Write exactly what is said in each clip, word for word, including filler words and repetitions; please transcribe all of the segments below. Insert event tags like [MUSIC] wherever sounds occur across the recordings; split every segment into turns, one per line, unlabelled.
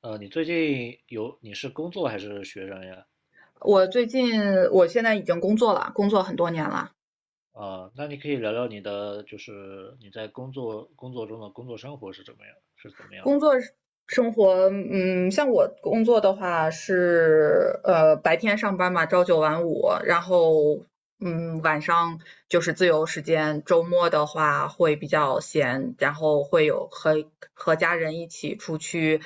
呃，你最近有，你是工作还是学生呀？
我最近我现在已经工作了，工作很多年了。
啊，那你可以聊聊你的，就是你在工作工作中的工作生活是怎么样，是怎么样的？
工作生活，嗯，像我工作的话是呃白天上班嘛，朝九晚五，然后嗯晚上就是自由时间，周末的话会比较闲，然后会有和和家人一起出去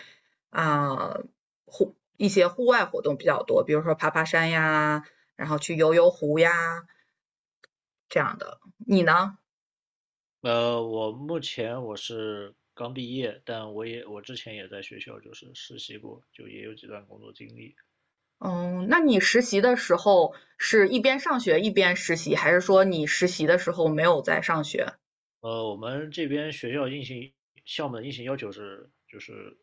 啊、户一些户外活动比较多，比如说爬爬山呀，然后去游游湖呀这样的。你呢？
呃，我目前我是刚毕业，但我也我之前也在学校就是实习过，就也有几段工作经历。
嗯，那你实习的时候是一边上学一边实习，还是说你实习的时候没有在上学？
呃，我们这边学校硬性项目的硬性要求是，就是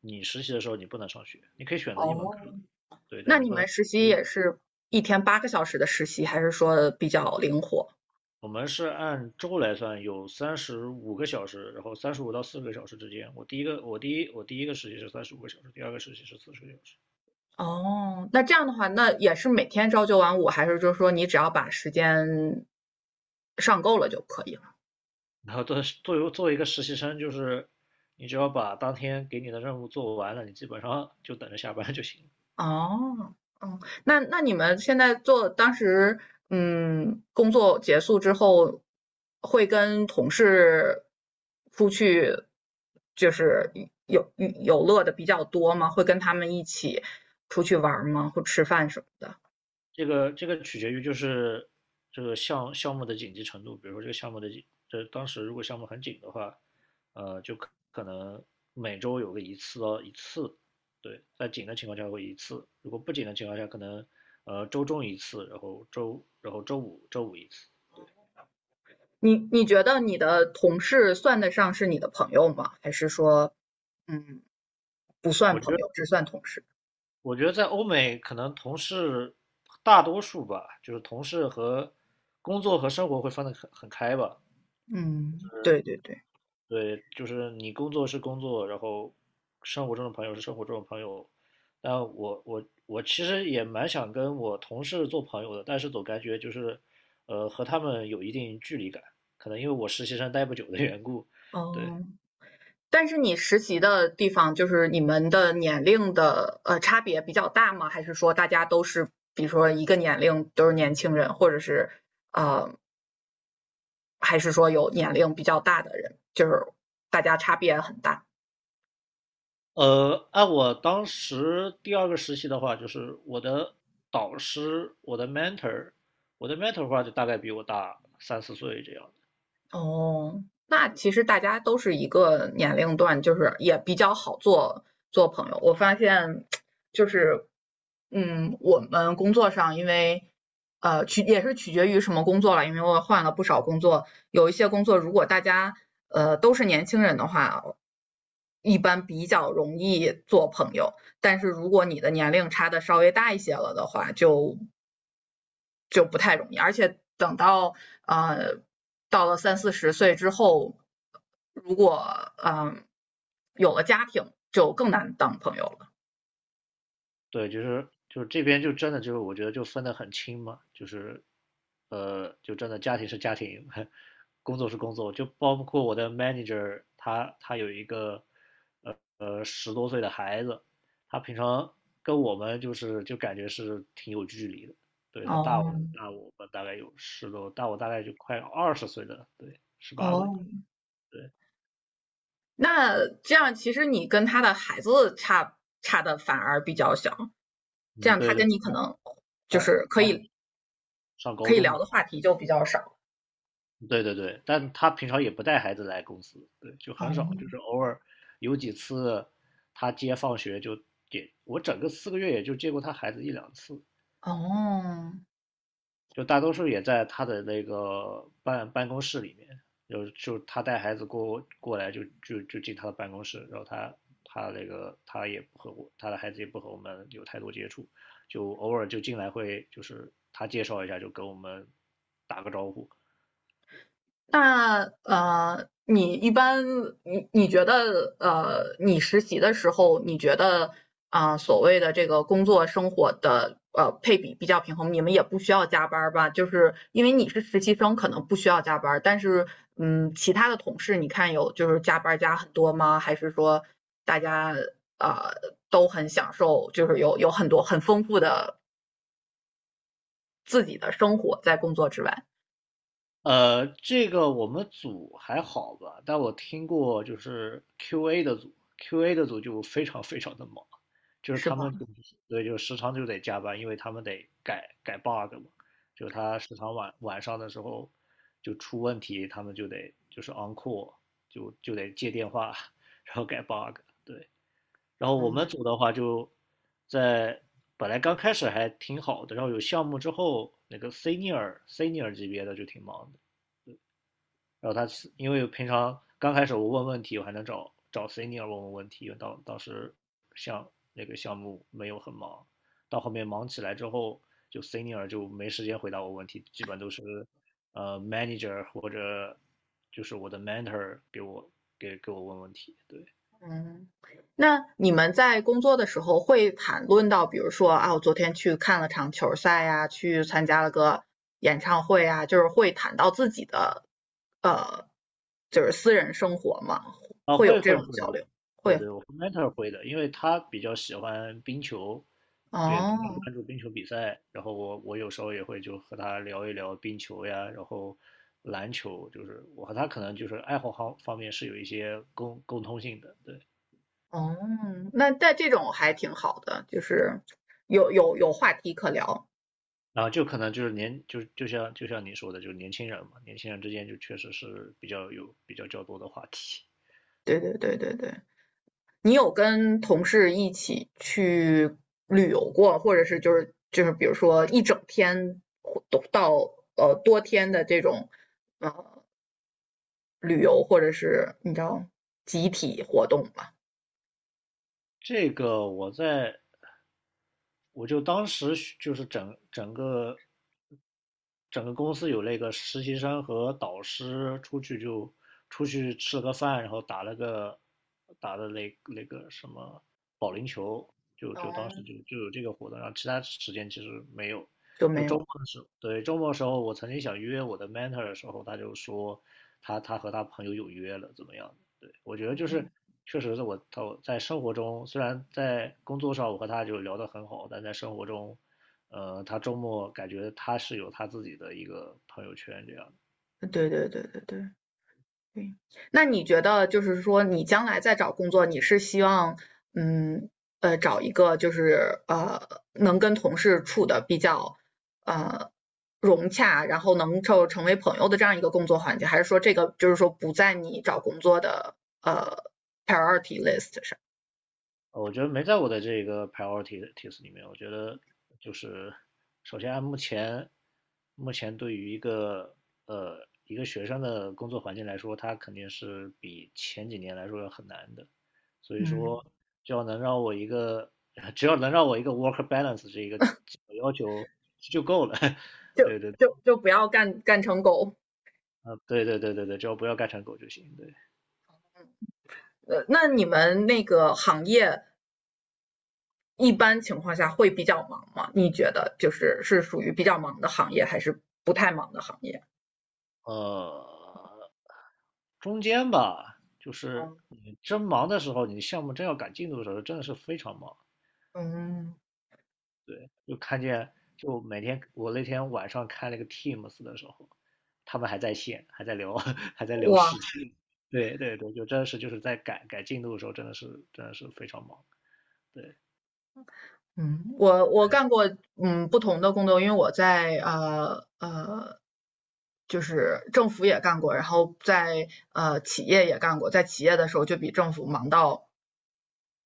你实习的时候你不能上学，你可以选择一门课，
哦，
对，但
那
你
你
不能。
们实习也是一天八个小时的实习，还是说比较灵活？
我们是按周来算，有三十五个小时，然后三十五到四十个小时之间。我第一个，我第一，我第一个实习是三十五个小时，第二个实习是四十个小时。
哦，那这样的话，那也是每天朝九晚五，还是就是说你只要把时间上够了就可以了？
然后做做做，作为一个实习生，就是你只要把当天给你的任务做完了，你基本上就等着下班就行。
哦。哦，那那你们现在做当时，嗯，工作结束之后，会跟同事出去，就是有有乐的比较多吗？会跟他们一起出去玩吗？或吃饭什么的？
这个这个取决于就是这个项项目的紧急程度，比如说这个项目的紧这当时如果项目很紧的话，呃，就可可能每周有个一次到一次，对，在紧的情况下会一次，如果不紧的情况下，可能呃周中一次，然后周然后周五周五一次。
你你觉得你的同事算得上是你的朋友吗？还是说，嗯，不算
我觉
朋
得
友，只算同事？
我觉得在欧美可能同事大多数吧，就是同事和工作和生活会分得很很开吧，
嗯，对对对。
对，就是你工作是工作，然后生活中的朋友是生活中的朋友。但我我我其实也蛮想跟我同事做朋友的，但是总感觉就是，呃，和他们有一定距离感，可能因为我实习生待不久的缘故。对，
哦。但是你实习的地方，就是你们的年龄的呃差别比较大吗？还是说大家都是，比如说一个年龄都是年轻人，或者是呃，还是说有年龄比较大的人，就是大家差别很大？
呃，按我当时第二个实习的话，就是我的导师，我的 mentor,我的 mentor 的话就大概比我大三四岁这样。
哦，那其实大家都是一个年龄段，就是也比较好做做朋友。我发现就是，嗯，我们工作上因为呃取也是取决于什么工作了，因为我换了不少工作，有一些工作如果大家呃都是年轻人的话，一般比较容易做朋友。但是如果你的年龄差的稍微大一些了的话，就就不太容易。而且等到呃到了三四十岁之后，如果嗯、呃有了家庭，就更难当朋友了。
对，就是就是这边就真的就是我觉得就分得很清嘛，就是呃，就真的家庭是家庭，工作是工作，就包括我的 manager 他他有一个呃十多岁的孩子，他平常跟我们就是就感觉是挺有距离的，对他大
哦。
我大我们大概有十多，大我大概就快二十岁的，对，十八岁，
哦，
对，
那这样其实你跟他的孩子差差的反而比较小，这
嗯，
样他
对对，
跟你可能就
他
是可
他
以
上高
可以
中
聊
嘛。
的话题就比较少。
对对对，但他平常也不带孩子来公司，对，就很
哦。
少，就是偶尔有几次他接放学就接，我整个四个月也就接过他孩子一两次，
哦，
就大多数也在他的那个办办公室里面，就就他带孩子过过来就就就进他的办公室，然后他他那个他也不和我，他的孩子也不和我们有太多接触，就偶尔就进来会就是他介绍一下就跟我们打个招呼，
那呃，你一般你你觉得呃，你实习的时候，你觉得啊、呃所谓的这个工作生活的呃配比比较平衡，你们也不需要加班儿吧？就是因为你是实习生，可能不需要加班儿，但是嗯，其他的同事你看有就是加班儿加很多吗？还是说大家呃都很享受，就是有有很多很丰富的自己的生活在工作之外，
呃，这个我们组还好吧，但我听过就是 Q A 的组，Q A 的组就非常非常的忙，就是
是
他
吧？
们就对，就时常就得加班，因为他们得改改 bug 嘛，就他时常晚晚上的时候就出问题，他们就得就是 on call,就就得接电话，然后改 bug,对。然后我们组的话就在本来刚开始还挺好的，然后有项目之后，那个 senior senior 级别的就挺忙的。然后他是因为平常刚开始我问问题，我还能找找 senior 问问问题，因为当当时像那个项目没有很忙，到后面忙起来之后，就 senior 就没时间回答我问题，基本都是呃 manager 或者就是我的 mentor 给我给给我问问题，对。
嗯，那你们在工作的时候会谈论到，比如说啊，我昨天去看了场球赛呀，去参加了个演唱会啊，就是会谈到自己的呃，就是私人生活嘛，
啊，
会有
会
这
会
种
会，
交流，
对
会。
对，我 mentor 会的，因为他比较喜欢冰球，也比较
哦。
关注冰球比赛，然后我我有时候也会就和他聊一聊冰球呀，然后篮球，就是我和他可能就是爱好方方面是有一些共共通性的，对，
哦，那但这种还挺好的，就是有有有话题可聊，
然后就可能就是年就就像就像你说的，就是年轻人嘛，年轻人之间就确实是比较有比较较多的话题。
对对对对对。你有跟同事一起去旅游过，或者是就是就是比如说一整天或到呃多天的这种呃旅游，或者是你知道集体活动吧？
这个我在我就当时学就是整整个整个公司有那个实习生和导师出去就出去吃了个饭，然后打了个打的那那个什么保龄球，就就当时
嗯，
就就有这个活动，然后其他时间其实没有。
就
就
没
周
有。
末的时候，对，周末的时候，我曾经想约我的 mentor 的时候，他就说他他和他朋友有约了，怎么样？对，我觉得就是确实是我他在生活中，虽然在工作上我和他就聊得很好，但在生活中呃，他周末感觉他是有他自己的一个朋友圈这样的。
对对对对对。对，那你觉得就是说，你将来再找工作，你是希望，嗯，呃，找一个就是呃，能跟同事处的比较呃融洽，然后能够成为朋友的这样一个工作环境，还是说这个就是说不在你找工作的呃 priority list 上？
呃我觉得没在我的这个 priorities 里面。我觉得就是，首先按目前目前对于一个呃一个学生的工作环境来说，它肯定是比前几年来说要很难的。所以
嗯，
说，只要能让我一个 [LAUGHS] 只要能让我一个 work balance 这一个基本要求就够了。[LAUGHS]
就
对对，
就就不要干干成狗。
呃，对对对对对，只要不要干成狗就行。对。
呃，那你们那个行业一般情况下会比较忙吗？你觉得就是是属于比较忙的行业，还是不太忙的行业？
呃，中间吧，就是
嗯
你真忙的时候，你项目真要赶进度的时候，真的是非常忙。
嗯
对，就看见，就每天我那天晚上开了个 Teams 的时候，他们还在线，还在聊，[LAUGHS] 还在聊
我
事情。对对对，就真的是就是在赶赶进度的时候，真的是真的是非常忙。对，
嗯我我干过嗯不同的工作，因为我在呃呃就是政府也干过，然后在呃企业也干过，在企业的时候就比政府忙到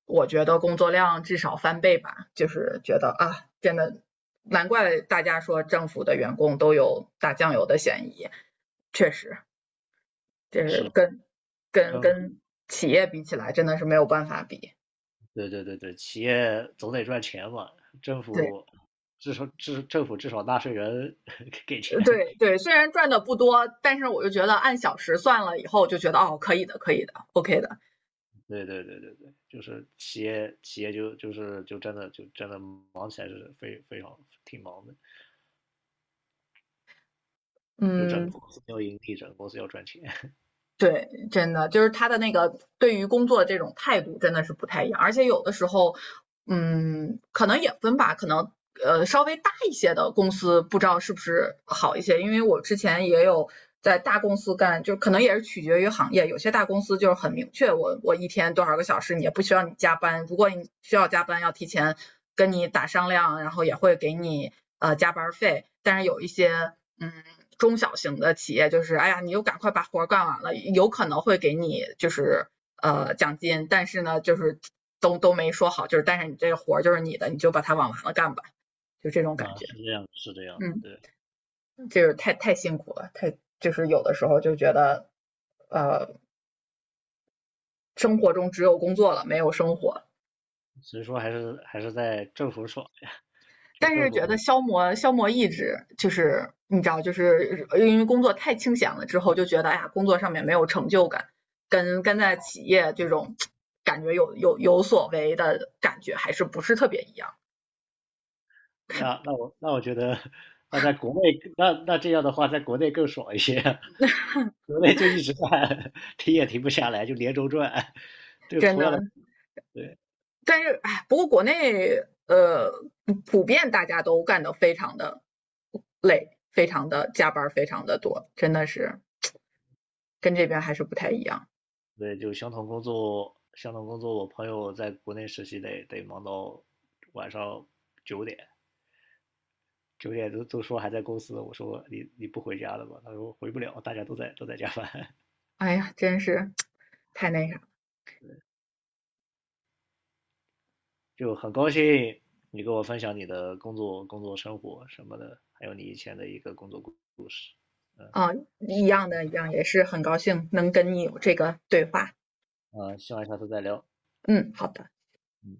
我觉得工作量至少翻倍吧，就是觉得啊真的难怪大家说政府的员工都有打酱油的嫌疑，确实。就是
是，
跟跟
真的，
跟企业比起来，真的是没有办法比。
对对对对，企业总得赚钱嘛，政
对
府至少至政府至少纳税人 [LAUGHS] 给钱，
对对，虽然赚的不多，但是我就觉得按小时算了以后，就觉得哦，可以的，可以的，O K 的。
对对对对对，就是企业企业就就是就真的就真的忙起来是非非常挺忙的，就整个
嗯，
公司要盈利，整个公司要赚钱，[LAUGHS]
对，真的就是他的那个对于工作的这种态度真的是不太一样，而且有的时候，嗯，可能也分吧，可能呃稍微大一些的公司不知道是不是好一些，因为我之前也有在大公司干，就可能也是取决于行业，有些大公司就是很明确，我我一天多少个小时，你也不需要你加班，如果你需要加班，要提前跟你打商量，然后也会给你呃加班费，但是有一些。嗯，中小型的企业就是，哎呀，你又赶快把活干完了，有可能会给你就是呃奖金，但是呢，就是都都没说好，就是但是你这个活就是你的，你就把它往完了干吧，就这种感
啊
觉。
是这样是这样，
嗯，
对，
就是太太辛苦了，太就是有的时候就觉得，呃，生活中只有工作了，没有生活。
所以说还是还是在政府爽呀，就
但
政
是
府
觉得消磨消磨意志，就是你知道，就是呃因为工作太清闲了之后，就觉得哎呀，工作上面没有成就感，跟跟在企业这种感觉有有有所为的感觉还是不是特别一样，
那那
[LAUGHS]
我那我觉得那在国内那那这样的话，在国内更爽一些，[LAUGHS] 国内就一直在 [LAUGHS] 停也停不下来，就连轴转，就
真
同
的。
样的对。
但是哎，不过国内呃普遍大家都干得非常的累，非常的加班，非常的多，真的是跟这边还是不太一样。
对，就相同工作，相同工作，我朋友在国内实习得得忙到晚上九点，九点都都说还在公司，我说你你不回家了吧？他说回不了，大家都在都在加班，[LAUGHS]
哎呀，真是太那个。
就很高兴你跟我分享你的工作、工作生活什么的，还有你以前的一个工作故事，
啊，一样的，一样，也是很高兴能跟你有这个对话。
嗯，希望下次再聊。
嗯，好的。
嗯